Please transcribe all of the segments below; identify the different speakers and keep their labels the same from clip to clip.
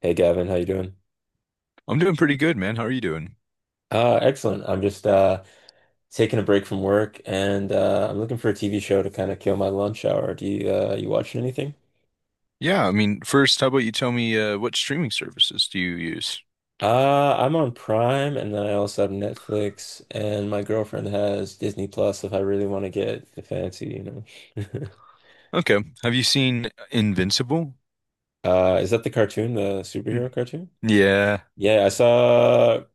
Speaker 1: Hey Gavin, how you doing?
Speaker 2: I'm doing pretty good, man. How are you doing?
Speaker 1: Excellent. I'm just Taking a break from work and I'm looking for a TV show to kind of kill my lunch hour. Do you you watching anything?
Speaker 2: Yeah, I mean, first, how about you tell me what streaming services do you use?
Speaker 1: I'm on Prime and then I also have Netflix and my girlfriend has Disney Plus if I really want to get fancy,
Speaker 2: Okay. Have you seen Invincible?
Speaker 1: Is that the cartoon, the
Speaker 2: Hmm.
Speaker 1: superhero cartoon?
Speaker 2: Yeah,
Speaker 1: Yeah, I saw.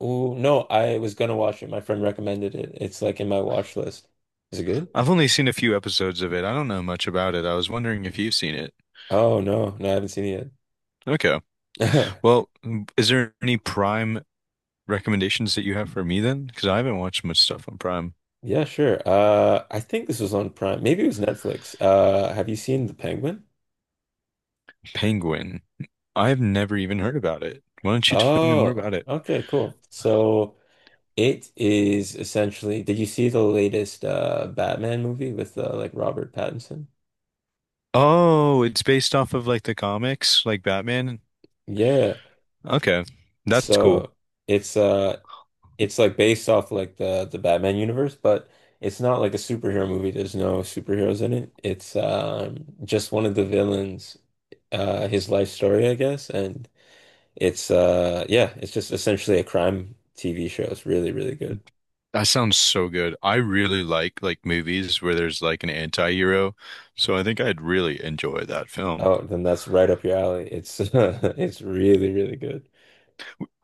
Speaker 1: Oh no, I was gonna watch it. My friend recommended it. It's like in my watch list. Is it good?
Speaker 2: I've only seen a few episodes of it. I don't know much about it. I was wondering if you've seen it.
Speaker 1: Oh no, no, I haven't seen it
Speaker 2: Okay.
Speaker 1: yet.
Speaker 2: Well, is there any Prime recommendations that you have for me then? Because I haven't watched much stuff on Prime.
Speaker 1: Yeah, sure. I think this was on Prime. Maybe it was Netflix. Have you seen The Penguin?
Speaker 2: Penguin. I've never even heard about it. Why don't you tell me more
Speaker 1: Oh,
Speaker 2: about it?
Speaker 1: okay, cool. So it is essentially, did you see the latest Batman movie with like Robert Pattinson?
Speaker 2: Oh, it's based off of like the comics, like Batman.
Speaker 1: Yeah.
Speaker 2: Okay. That's cool.
Speaker 1: So it's uh it's like based off like the Batman universe, but it's not like a superhero movie. There's no superheroes in it. It's just one of the villains, his life story, I guess, and it's just essentially a crime TV show. It's really, really good.
Speaker 2: That sounds so good. I really like movies where there's like an anti-hero, so I think I'd really enjoy that film.
Speaker 1: Oh, then that's right up your alley. It's it's really, really good.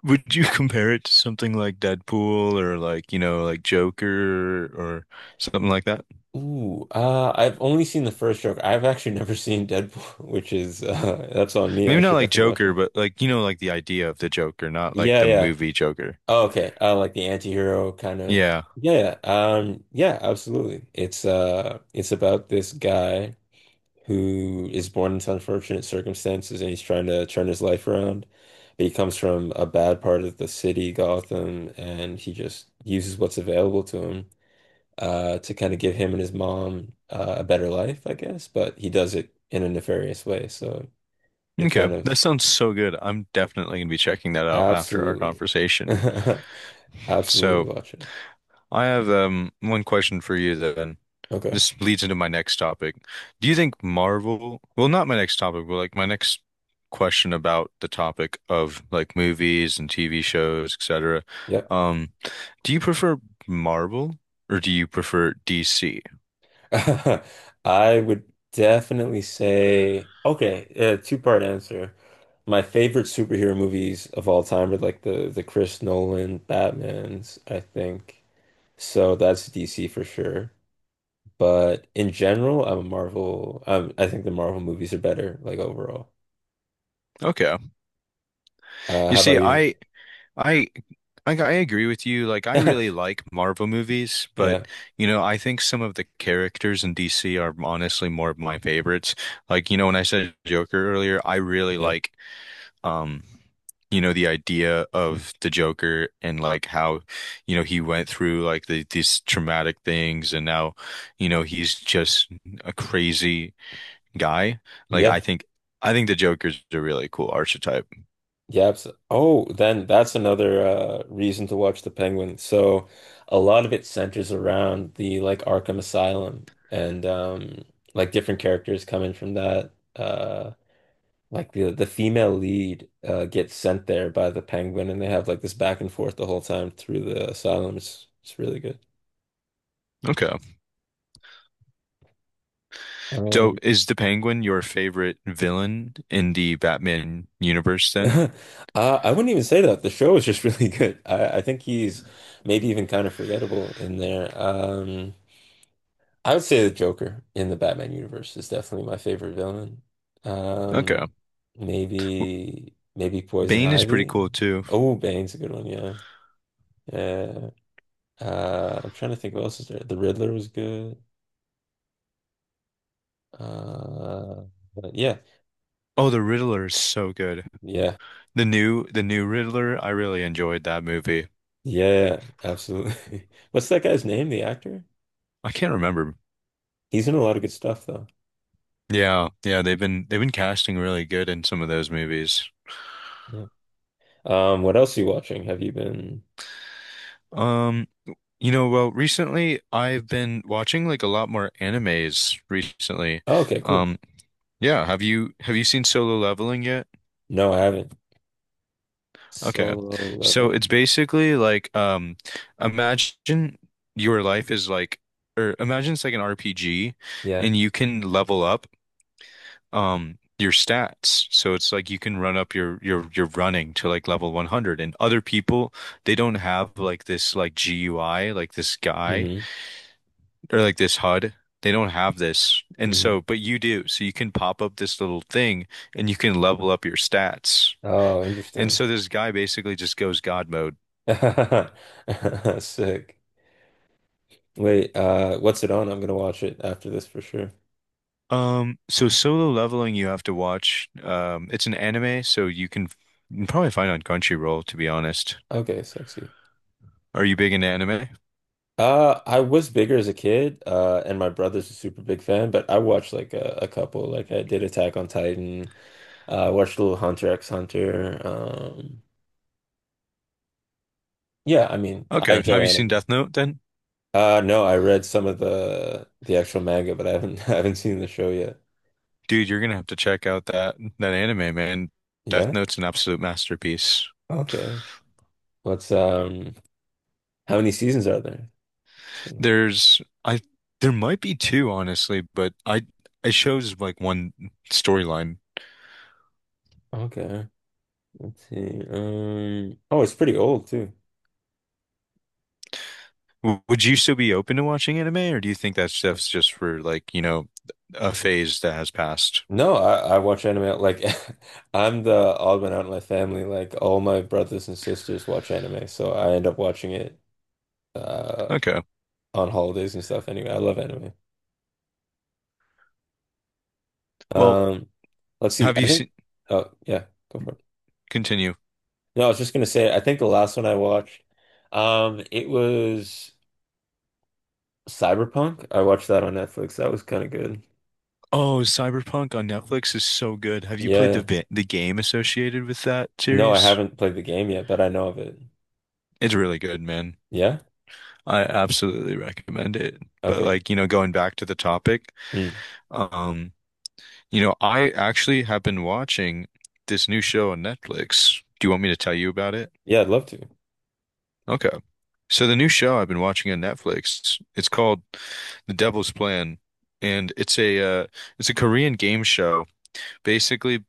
Speaker 2: Would you compare it to something like Deadpool or like, you know, like Joker or something like that?
Speaker 1: I've only seen the first joke. I've actually never seen Deadpool, which is that's on me.
Speaker 2: Maybe
Speaker 1: I
Speaker 2: not
Speaker 1: should
Speaker 2: like
Speaker 1: definitely watch
Speaker 2: Joker,
Speaker 1: it.
Speaker 2: but like, you know, like the idea of the Joker, not like
Speaker 1: Yeah,
Speaker 2: the
Speaker 1: yeah.
Speaker 2: movie Joker.
Speaker 1: Oh, okay. Like the anti-hero kind of.
Speaker 2: Yeah.
Speaker 1: Yeah, yeah. Yeah, absolutely. It's about this guy who is born into unfortunate circumstances and he's trying to turn his life around. But he comes from a bad part of the city, Gotham, and he just uses what's available to him to kind of give him and his mom a better life, I guess. But he does it in a nefarious way. So you
Speaker 2: Okay.
Speaker 1: kind of
Speaker 2: That sounds so good. I'm definitely going to be checking that out after our
Speaker 1: absolutely,
Speaker 2: conversation.
Speaker 1: absolutely
Speaker 2: So
Speaker 1: watch it.
Speaker 2: I have one question for you then.
Speaker 1: Okay.
Speaker 2: This leads into my next topic. Do you think Marvel, well, not my next topic, but like my next question about the topic of like movies and TV shows, etc.
Speaker 1: Yep.
Speaker 2: Um, do you prefer Marvel or do you prefer DC?
Speaker 1: I would definitely say, okay, two-part answer. My favorite superhero movies of all time are like the Chris Nolan Batmans, I think. So that's DC for sure. But in general, I'm a Marvel. I think the Marvel movies are better, like overall.
Speaker 2: Okay. You
Speaker 1: How about
Speaker 2: see,
Speaker 1: you?
Speaker 2: I I agree with you. Like I really like Marvel movies,
Speaker 1: Yeah,
Speaker 2: but you know, I think some of the characters in DC are honestly more of my favorites. Like, you know, when I said Joker earlier, I really
Speaker 1: yeah,
Speaker 2: like um you know the idea of the Joker and like how you know he went through like these traumatic things and now you know he's just a crazy guy like I
Speaker 1: yeah.
Speaker 2: think I think the Joker's a really cool archetype.
Speaker 1: Oh, then that's another reason to watch The Penguin. So a lot of it centers around the like Arkham Asylum and like different characters coming from that. Like the female lead gets sent there by the Penguin and they have like this back and forth the whole time through the asylum. It's really good.
Speaker 2: Okay. So
Speaker 1: Um
Speaker 2: is the Penguin your favorite villain in the Batman universe then?
Speaker 1: uh, I wouldn't even say that. The show is just really good. I think he's maybe even kind of forgettable in there. I would say the Joker in the Batman universe is definitely my favorite villain.
Speaker 2: Okay.
Speaker 1: Um, maybe Poison
Speaker 2: Bane is pretty
Speaker 1: Ivy.
Speaker 2: cool too.
Speaker 1: Oh, Bane's a good one, yeah. Yeah. I'm trying to think what else is there. The Riddler was good. Uh, but yeah,
Speaker 2: Oh, the Riddler is so good.
Speaker 1: yeah,
Speaker 2: The new Riddler, I really enjoyed that movie.
Speaker 1: yeah, absolutely. What's that guy's name, the actor?
Speaker 2: I can't remember.
Speaker 1: He's in a lot of good stuff though.
Speaker 2: Yeah, yeah, they've been casting really good in some of those movies.
Speaker 1: Yeah. What else are you watching? Have you been?
Speaker 2: Um, you know, well, recently I've been watching like a lot more animes recently.
Speaker 1: Oh, okay, cool.
Speaker 2: Um, yeah, have you seen Solo Leveling yet?
Speaker 1: No, I haven't.
Speaker 2: Okay.
Speaker 1: Solo
Speaker 2: So it's
Speaker 1: Leveling.
Speaker 2: basically like imagine your life is like or imagine it's like an RPG
Speaker 1: Yeah.
Speaker 2: and you can level up your stats. So it's like you can run up your running to like level 100 and other people they don't have like this like GUI like this guy
Speaker 1: hmm
Speaker 2: or like this HUD. They don't have this. And
Speaker 1: hmm
Speaker 2: so but you do. So you can pop up this little thing and you can level up your stats.
Speaker 1: Oh,
Speaker 2: And
Speaker 1: interesting.
Speaker 2: so this guy basically just goes God mode.
Speaker 1: Sick. Wait, what's it on? I'm gonna watch it after this for sure.
Speaker 2: So Solo Leveling you have to watch. It's an anime, so you can probably find it on Crunchyroll, to be honest.
Speaker 1: Okay, sexy.
Speaker 2: Are you big into anime?
Speaker 1: I was bigger as a kid, and my brother's a super big fan, but I watched like a couple. Like I did Attack on Titan, watched a little Hunter x Hunter. Yeah, I mean, I
Speaker 2: Okay.
Speaker 1: enjoy
Speaker 2: Have you seen
Speaker 1: anime.
Speaker 2: Death Note then?
Speaker 1: No, I read some of the actual manga, but I haven't I haven't seen the show yet.
Speaker 2: Dude, you're gonna have to check out that anime, man. Death
Speaker 1: Yeah?
Speaker 2: Note's an absolute masterpiece.
Speaker 1: Okay. What's How many seasons are there? Let's see.
Speaker 2: There's I there might be two, honestly, but I it shows like one storyline.
Speaker 1: Okay. Let's see. Oh, it's pretty old too.
Speaker 2: W- Would you still be open to watching anime, or do you think that stuff's just for like, you know, a phase that has passed?
Speaker 1: No, I watch anime like I'm the odd one out in my family. Like all my brothers and sisters watch anime, so I end up watching it uh
Speaker 2: Okay.
Speaker 1: on holidays and stuff anyway. I love anime.
Speaker 2: Well,
Speaker 1: Um, let's see.
Speaker 2: have
Speaker 1: I
Speaker 2: you
Speaker 1: think
Speaker 2: seen,
Speaker 1: oh yeah, go for it.
Speaker 2: continue.
Speaker 1: No, I was just gonna say I think the last one I watched, it was Cyberpunk. I watched that on Netflix. That was kind of good.
Speaker 2: Oh, Cyberpunk on Netflix is so good. Have you played
Speaker 1: Yeah.
Speaker 2: the game associated with that
Speaker 1: No, I
Speaker 2: series?
Speaker 1: haven't played the game yet, but I know of it.
Speaker 2: It's really good, man.
Speaker 1: Yeah?
Speaker 2: I absolutely recommend it. But
Speaker 1: Okay.
Speaker 2: like, you know, going back to the topic,
Speaker 1: Hmm.
Speaker 2: um, you know, I actually have been watching this new show on Netflix. Do you want me to tell you about it?
Speaker 1: Yeah, I'd love to.
Speaker 2: Okay. So the new show I've been watching on Netflix, it's called The Devil's Plan, and it's a Korean game show. Basically,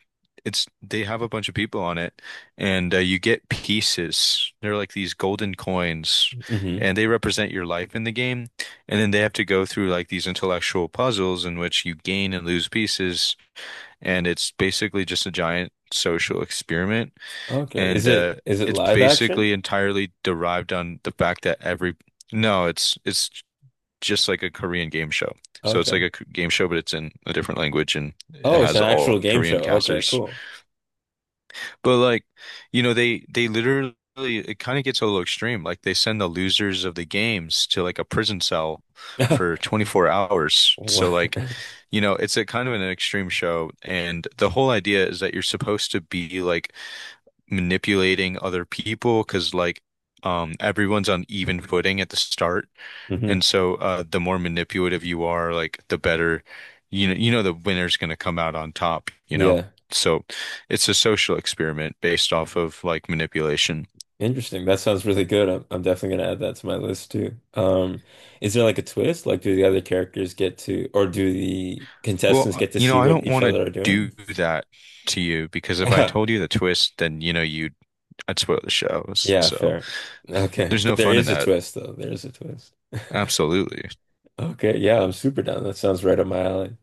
Speaker 2: it's they have a bunch of people on it, and you get pieces. They're like these golden coins,
Speaker 1: Hmm
Speaker 2: and they represent your life in the game. And then they have to go through like these intellectual puzzles in which you gain and lose pieces, and it's basically just a giant social experiment
Speaker 1: Okay.
Speaker 2: and
Speaker 1: Is it
Speaker 2: it's
Speaker 1: live action?
Speaker 2: basically entirely derived on the fact that every no, it's just like a Korean game show. So it's like
Speaker 1: Okay.
Speaker 2: a K- game show, but it's in a different language and it
Speaker 1: Oh, it's
Speaker 2: has
Speaker 1: an
Speaker 2: all
Speaker 1: actual game
Speaker 2: Korean
Speaker 1: show. Okay,
Speaker 2: casters.
Speaker 1: cool.
Speaker 2: But like, you know, they literally it kind of gets a little extreme. Like they send the losers of the games to like a prison cell for 24 hours. So
Speaker 1: What?
Speaker 2: like, you know, it's a kind of an extreme show, and the whole idea is that you're supposed to be like manipulating other people because like everyone's on even footing at the start. And
Speaker 1: Hmm
Speaker 2: so the more manipulative you are, like the better you know the winner's gonna come out on top, you know?
Speaker 1: Yeah.
Speaker 2: So it's a social experiment based off of like manipulation.
Speaker 1: Interesting. That sounds really good. I'm definitely gonna add that to my list too. Is there like a twist? Like, do the other characters get to, or do the
Speaker 2: Well,
Speaker 1: contestants get to
Speaker 2: you know,
Speaker 1: see
Speaker 2: I
Speaker 1: what
Speaker 2: don't
Speaker 1: each
Speaker 2: want to
Speaker 1: other are
Speaker 2: do
Speaker 1: doing?
Speaker 2: that to you because if I told you the twist, then you'd I'd spoil the show.
Speaker 1: Yeah,
Speaker 2: So
Speaker 1: fair. Okay.
Speaker 2: there's no
Speaker 1: But there
Speaker 2: fun in
Speaker 1: is a
Speaker 2: that.
Speaker 1: twist though. There is a twist.
Speaker 2: Absolutely.
Speaker 1: Okay. Yeah, I'm super down. That sounds right up my alley.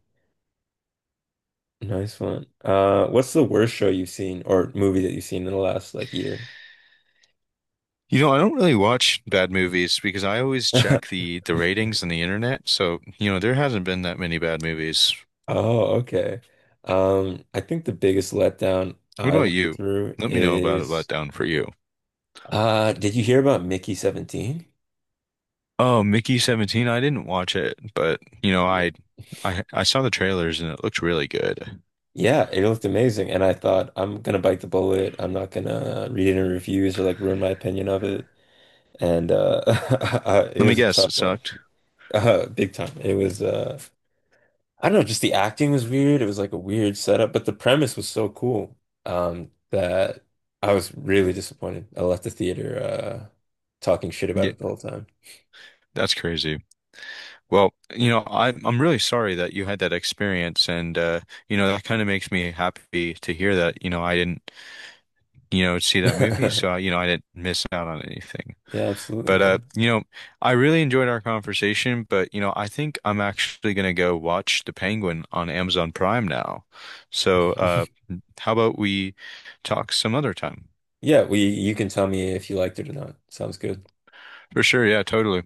Speaker 1: Nice one. What's the worst show you've seen or movie that you've seen in the last like year?
Speaker 2: You know, I don't really watch bad movies because I always check the ratings on the internet. So, you know, there hasn't been that many bad movies.
Speaker 1: Oh, okay. I think the biggest letdown
Speaker 2: What
Speaker 1: I
Speaker 2: about
Speaker 1: went
Speaker 2: you?
Speaker 1: through
Speaker 2: Let me know about a
Speaker 1: is
Speaker 2: letdown for you.
Speaker 1: did you hear about Mickey 17?
Speaker 2: Oh, Mickey 17, I didn't watch it, but you know,
Speaker 1: Yeah.
Speaker 2: I I saw the trailers and it looked really good.
Speaker 1: Yeah, it looked amazing and I thought I'm gonna bite the bullet. I'm not gonna read any reviews or like ruin my opinion of it. And it
Speaker 2: Let me
Speaker 1: was a
Speaker 2: guess,
Speaker 1: tough
Speaker 2: it
Speaker 1: watch.
Speaker 2: sucked.
Speaker 1: Big time. It was I don't know, just the acting was weird. It was like a weird setup, but the premise was so cool that I was really disappointed. I left the theater talking shit about
Speaker 2: Yeah,
Speaker 1: it the whole time.
Speaker 2: that's crazy. Well, you know, I'm really sorry that you had that experience and you know, that kind of makes me happy to hear that, you know, I didn't, you know, see that movie, so I, you know, I didn't miss out on anything.
Speaker 1: Yeah, absolutely,
Speaker 2: But
Speaker 1: man.
Speaker 2: you know, I really enjoyed our conversation, but you know, I think I'm actually gonna go watch The Penguin on Amazon Prime now. So how about we talk some other time?
Speaker 1: Yeah, we you can tell me if you liked it or not. Sounds good.
Speaker 2: For sure, yeah, totally.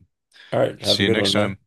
Speaker 1: All right, have a
Speaker 2: See you
Speaker 1: good
Speaker 2: next
Speaker 1: one, man.
Speaker 2: time.